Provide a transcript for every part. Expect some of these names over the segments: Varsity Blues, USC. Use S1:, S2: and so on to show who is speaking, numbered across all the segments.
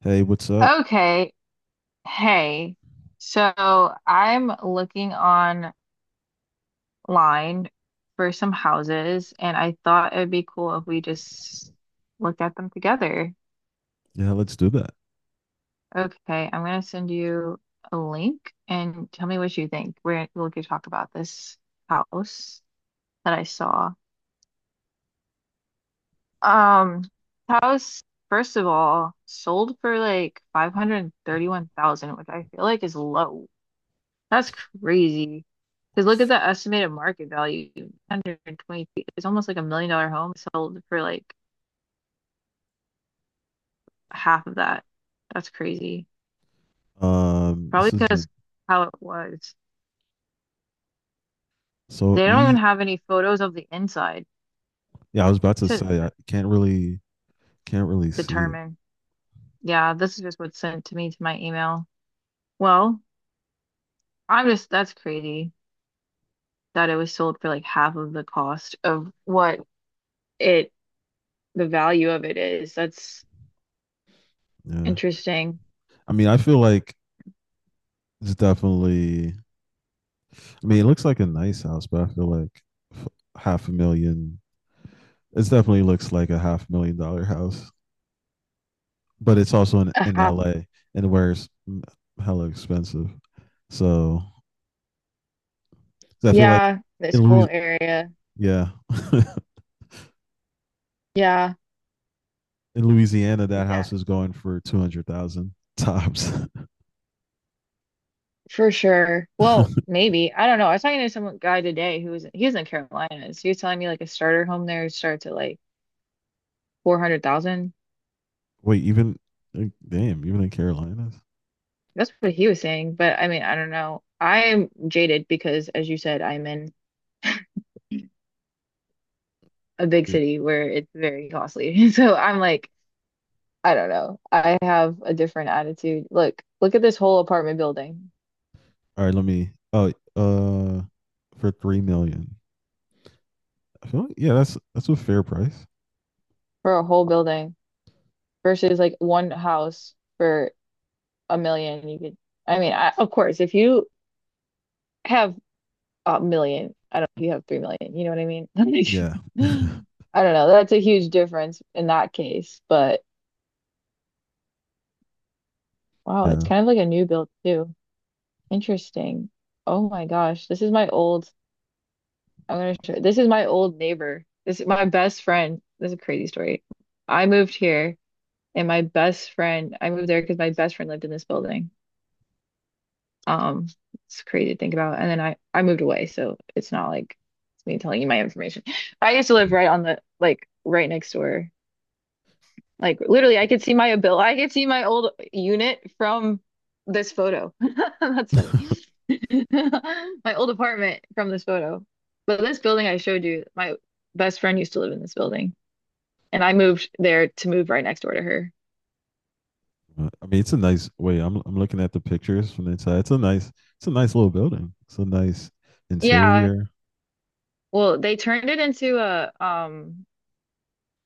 S1: Hey, what's up?
S2: Okay. Hey. So I'm looking online for some houses, and I thought it'd be cool if we just looked at them together.
S1: Yeah, let's do that.
S2: Okay, I'm gonna send you a link and tell me what you think. We'll get to talk about this house that I saw. Um, House, first of all, sold for like 531,000, which I feel like is low. That's crazy. Because look at the estimated market value, 120 feet. It's almost like $1 million home sold for like half of that. That's crazy. Probably
S1: This is a,
S2: because how it was.
S1: so
S2: They don't even
S1: e
S2: have any photos of the inside.
S1: Yeah, I was about
S2: It
S1: to
S2: said
S1: say I can't really see it.
S2: determine. Yeah, this is just what's sent to me to my email. Well, I'm just, that's crazy that it was sold for like half of the cost of what it, the value of it is. That's
S1: Yeah.
S2: interesting.
S1: I mean, I feel like it's definitely. It looks like a nice house, but I feel like f- half a million, it definitely looks like a half 1 million dollar house, but it's also in
S2: Uh-huh.
S1: LA and where hella expensive. So, 'cause I feel like
S2: Yeah, this
S1: in
S2: whole
S1: Louis
S2: area.
S1: yeah.
S2: Yeah,
S1: In Louisiana, that
S2: yeah,
S1: house is going for 200,000 tops.
S2: for sure. Well, maybe. I don't know. I was talking to some guy today who was in Carolinas. He was telling me like a starter home there starts at like 400,000.
S1: Wait, even like, damn, even in Carolinas.
S2: That's what he was saying, but I mean, I don't know. I'm jaded because as you said, I'm in a big
S1: Yeah.
S2: city where it's very costly. So I'm like, I don't know. I have a different attitude. Look at this whole apartment building
S1: All right, let me. Oh, uh, for 3 million. I feel like, yeah, that's a fair price.
S2: for a whole building versus like one house for a million. You could, I mean, I, of course, if you have a million. I don't you have 3 million. You know what I mean?
S1: Yeah, yeah.
S2: I don't know. That's a huge difference in that case. But wow, it's
S1: Yeah.
S2: kind of like a new build too. Interesting. Oh my gosh. This is my old I'm gonna show this is my old neighbor. This is my best friend. This is a crazy story. I moved here and my best friend I moved there because my best friend lived in this building. Um, it's crazy to think about. And then I moved away, so it's not like it's me telling you my information. I used to live right on the like right next door. Like literally, I could see my old unit from this photo. That's funny. My old apartment from this photo. But this building I showed you, my best friend used to live in this building, and I moved there to move right next door to her.
S1: I mean, it's a nice. Wait, I'm looking at the pictures from the inside. It's a nice little building. It's a nice
S2: Yeah,
S1: interior.
S2: well, they turned it into a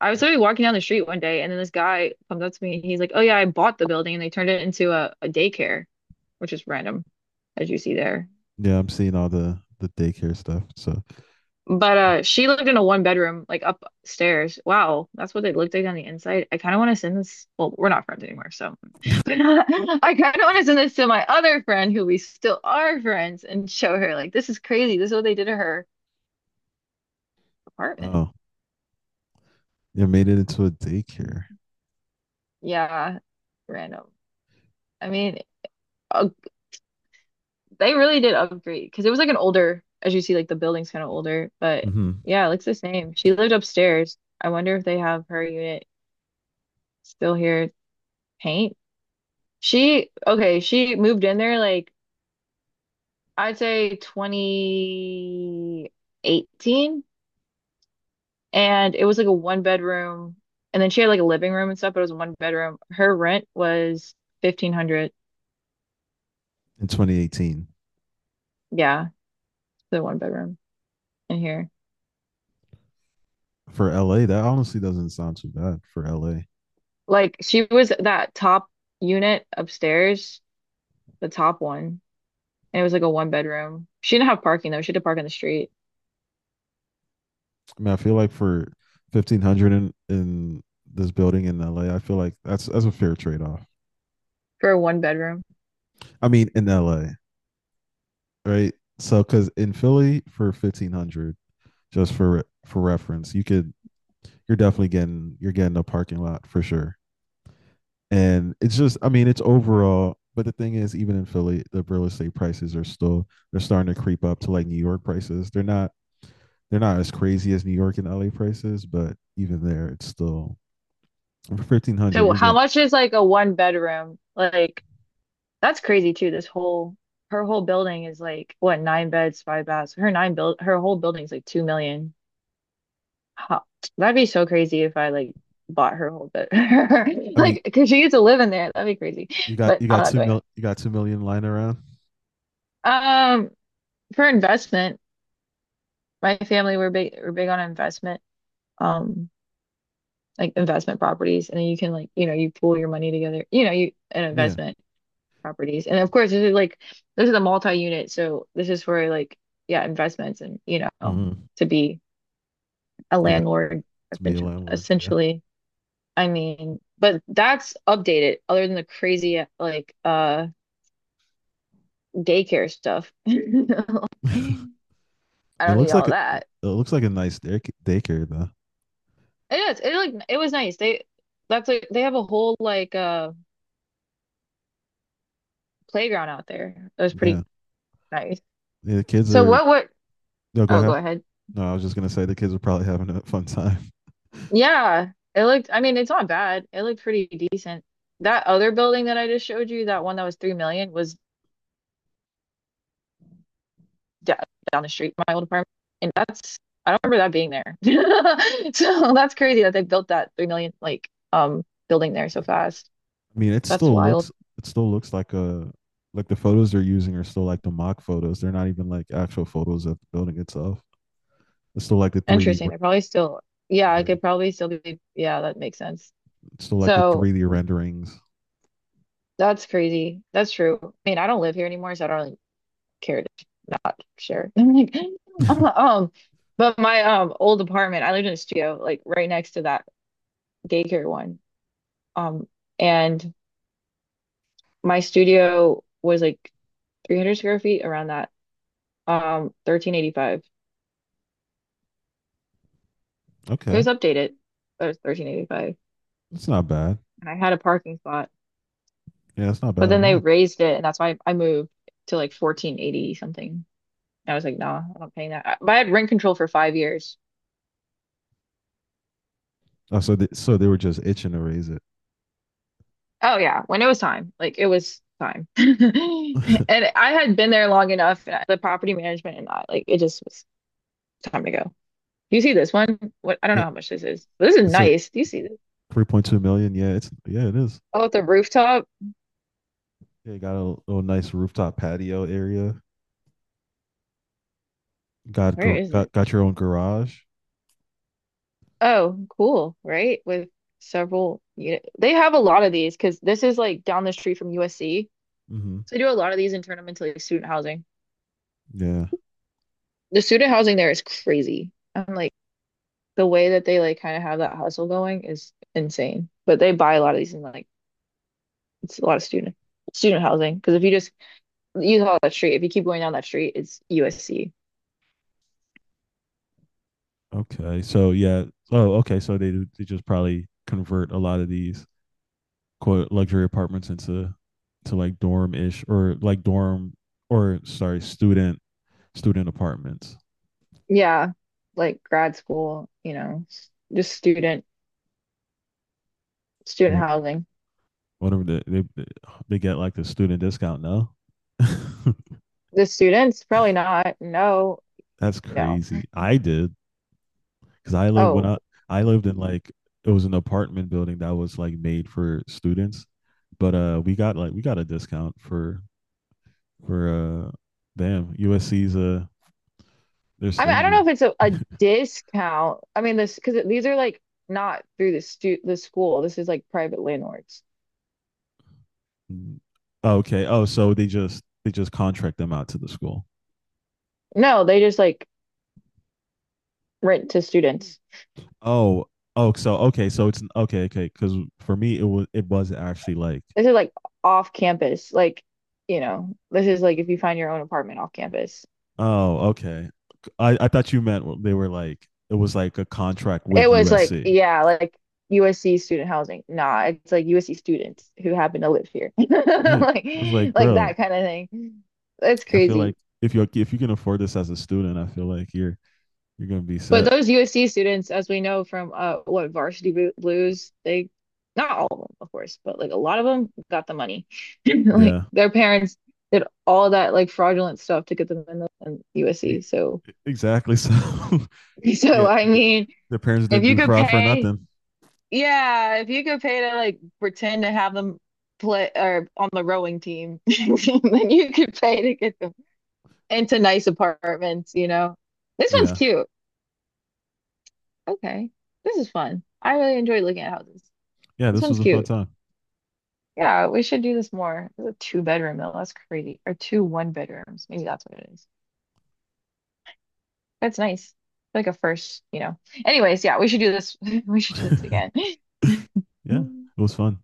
S2: I was literally walking down the street one day and then this guy comes up to me and he's like, "Oh yeah, I bought the building and they turned it into a daycare," which is random as you see there.
S1: Yeah, I'm seeing all the daycare stuff. So,
S2: But she lived in a one bedroom like upstairs. Wow, that's what they looked like on the inside. I kind of want to send this. Well, we're not friends anymore, so but I kind of want to send this to my other friend who we still are friends and show her like this is crazy. This is what they did to her apartment.
S1: oh, yeah, made it into a daycare.
S2: Yeah, random. I mean, uh, they really did upgrade because it was like an older, as you see, like the building's kind of older, but
S1: hmm
S2: yeah, it looks the same. She lived upstairs. I wonder if they have her unit still here. Paint. Okay, she moved in there like I'd say 2018 and it was like a one bedroom and then she had like a living room and stuff, but it was one bedroom. Her rent was 1500.
S1: In 2018,
S2: Yeah, the one bedroom in here.
S1: for LA, that honestly doesn't sound too bad for LA.
S2: Like she was that top unit upstairs, the top one. And it was like a one bedroom. She didn't have parking though. She had to park on the street
S1: I mean, I feel like for 1,500 in this building in LA, I feel like that's a fair trade off.
S2: for a one bedroom.
S1: I mean, in LA, right? So, because in Philly for 1,500, just for reference, you could you're definitely getting. You're getting a parking lot for sure. And it's just, I mean, it's overall. But the thing is, even in Philly, the real estate prices are still, they're starting to creep up to like New York prices. They're not as crazy as New York and LA prices, but even there, it's still, for 1,500,
S2: So
S1: you're
S2: how
S1: getting.
S2: much is like a one bedroom? Like that's crazy too. This whole Her whole building is like what nine beds, five baths. Her whole building's like 2 million. How, that'd be so crazy if I like bought her whole bit.
S1: I mean,
S2: Like, because she gets to live in there. That'd be crazy.
S1: you got
S2: But
S1: you
S2: I'm
S1: got
S2: not
S1: two
S2: doing that.
S1: mil you got 2 million lying around.
S2: Um, for investment, my family we're big on investment. Um, like investment properties, and then you can like you know you pool your money together. You know you an
S1: Yeah.
S2: investment properties. And of course, this is a multi-unit, so this is for like yeah, investments and you know,
S1: hmm
S2: to be a
S1: Yeah.
S2: landlord
S1: To be a landlord. Yeah.
S2: essentially. I mean, but that's updated other than the crazy like daycare stuff. I
S1: I mean, it
S2: don't need
S1: looks like
S2: all that.
S1: a nice daycare though.
S2: It is. It was nice. They That's like they have a whole like playground out there. It was pretty
S1: Yeah.
S2: nice.
S1: Yeah. The kids
S2: So
S1: are.
S2: what?
S1: No, go
S2: Oh, go
S1: ahead.
S2: ahead.
S1: No, I was just gonna say the kids are probably having a fun time.
S2: Yeah, it looked, I mean, it's not bad. It looked pretty decent. That other building that I just showed you, that one that was 3 million, was da down the street from my old apartment. And that's, I don't remember that being there. So that's crazy that they built that 3 million, like, building there so fast.
S1: I mean, it
S2: That's
S1: still
S2: wild.
S1: looks It still looks like a like the photos they're using are still like the mock photos. They're not even like actual photos of the building itself. It's still like the 3D
S2: Interesting.
S1: re-
S2: They're probably still, yeah, it
S1: Yeah.
S2: could probably still be, yeah, that makes sense.
S1: It's still like the
S2: So
S1: 3D renderings.
S2: that's crazy. That's true. I mean, I don't live here anymore, so I don't really care to not share. I'm like, but my old apartment, I lived in a studio like right next to that daycare one. Um, and my studio was like 300 square feet around that. 1385. It
S1: Okay.
S2: was updated, but it was 1385,
S1: It's not bad.
S2: and I had a parking spot.
S1: Yeah, it's not
S2: But
S1: bad
S2: then
S1: at
S2: they
S1: all.
S2: raised it, and that's why I moved to like 1480 something. And I was like, nah, I'm not paying that. But I had rent control for 5 years.
S1: Oh, so they were just itching to raise it.
S2: Oh yeah, when it was time, like it was time. And I had been there long enough, and the property management and that, like it just was time to go. Do you see this one? What I don't
S1: Yeah,
S2: know how much this is, but this is
S1: it's a
S2: nice. Do you see this?
S1: 3.2 million. Yeah, it's yeah, it is.
S2: Oh, at the rooftop.
S1: Yeah, you got a little nice rooftop patio area. Got
S2: Where is it?
S1: got your own garage.
S2: Oh, cool, right? With several unit. They have a lot of these because this is like down the street from USC.
S1: Mm-hmm.
S2: So they do a lot of these and turn them into like student housing.
S1: Yeah.
S2: The student housing there is crazy. I'm like the way that they like kind of have that hustle going is insane. But they buy a lot of these and like it's a lot of student housing because if you just you follow that street, if you keep going down that street, it's USC.
S1: Okay. So yeah. Oh, okay. So they just probably convert a lot of these quote luxury apartments into to like dorm or sorry student student apartments.
S2: Yeah, like grad school, you know, just student
S1: What
S2: housing.
S1: whatever they get like the student discount. No,
S2: The students probably not. No,
S1: that's
S2: no.
S1: crazy. I did because I lived when
S2: Oh,
S1: I lived in like it was an apartment building that was like made for students, but we got like we got a discount for for uh damn USC's. They're
S2: I mean, I don't
S1: stingy.
S2: know if it's a discount. I mean, this because these are like not through the school. This is like private landlords.
S1: Okay. Oh, so they just contract them out to the school.
S2: No, they just like rent to students.
S1: Oh, oh, so okay. Because for me, it was actually like,
S2: This is like off campus. Like, you know, this is like if you find your own apartment off campus.
S1: oh, okay. I thought you meant they were like it was like a contract
S2: It
S1: with
S2: was like,
S1: USC.
S2: yeah, like USC student housing. Nah, it's like USC students who happen to live here.
S1: Yeah, it
S2: Like
S1: was like,
S2: like
S1: bro,
S2: that kind of thing. That's
S1: I feel like
S2: crazy.
S1: if you can afford this as a student, I feel like you're gonna be
S2: But
S1: set.
S2: those USC students, as we know from what Varsity Blues, they not all of them, of course, but like a lot of them got the money. Like
S1: Yeah,
S2: their parents did all that like fraudulent stuff to get them in
S1: E-
S2: USC. So
S1: exactly. So
S2: so
S1: yeah,
S2: I mean,
S1: the parents
S2: if
S1: didn't
S2: you
S1: do
S2: could
S1: fraud for
S2: pay
S1: nothing.
S2: yeah, if you could pay to like pretend to have them play or on the rowing team, then you could pay to get them into nice apartments, you know. This one's
S1: Yeah,
S2: cute. Okay. This is fun. I really enjoy looking at houses.
S1: yeah,
S2: This
S1: this
S2: one's
S1: was a fun
S2: cute.
S1: time.
S2: Yeah, we should do this more. It's a two-bedroom though. That's crazy. Or two one bedrooms. Maybe that's what it is. That's nice. Like a first. Anyways, yeah, we should do this. We should do this again.
S1: Yeah, it was fun.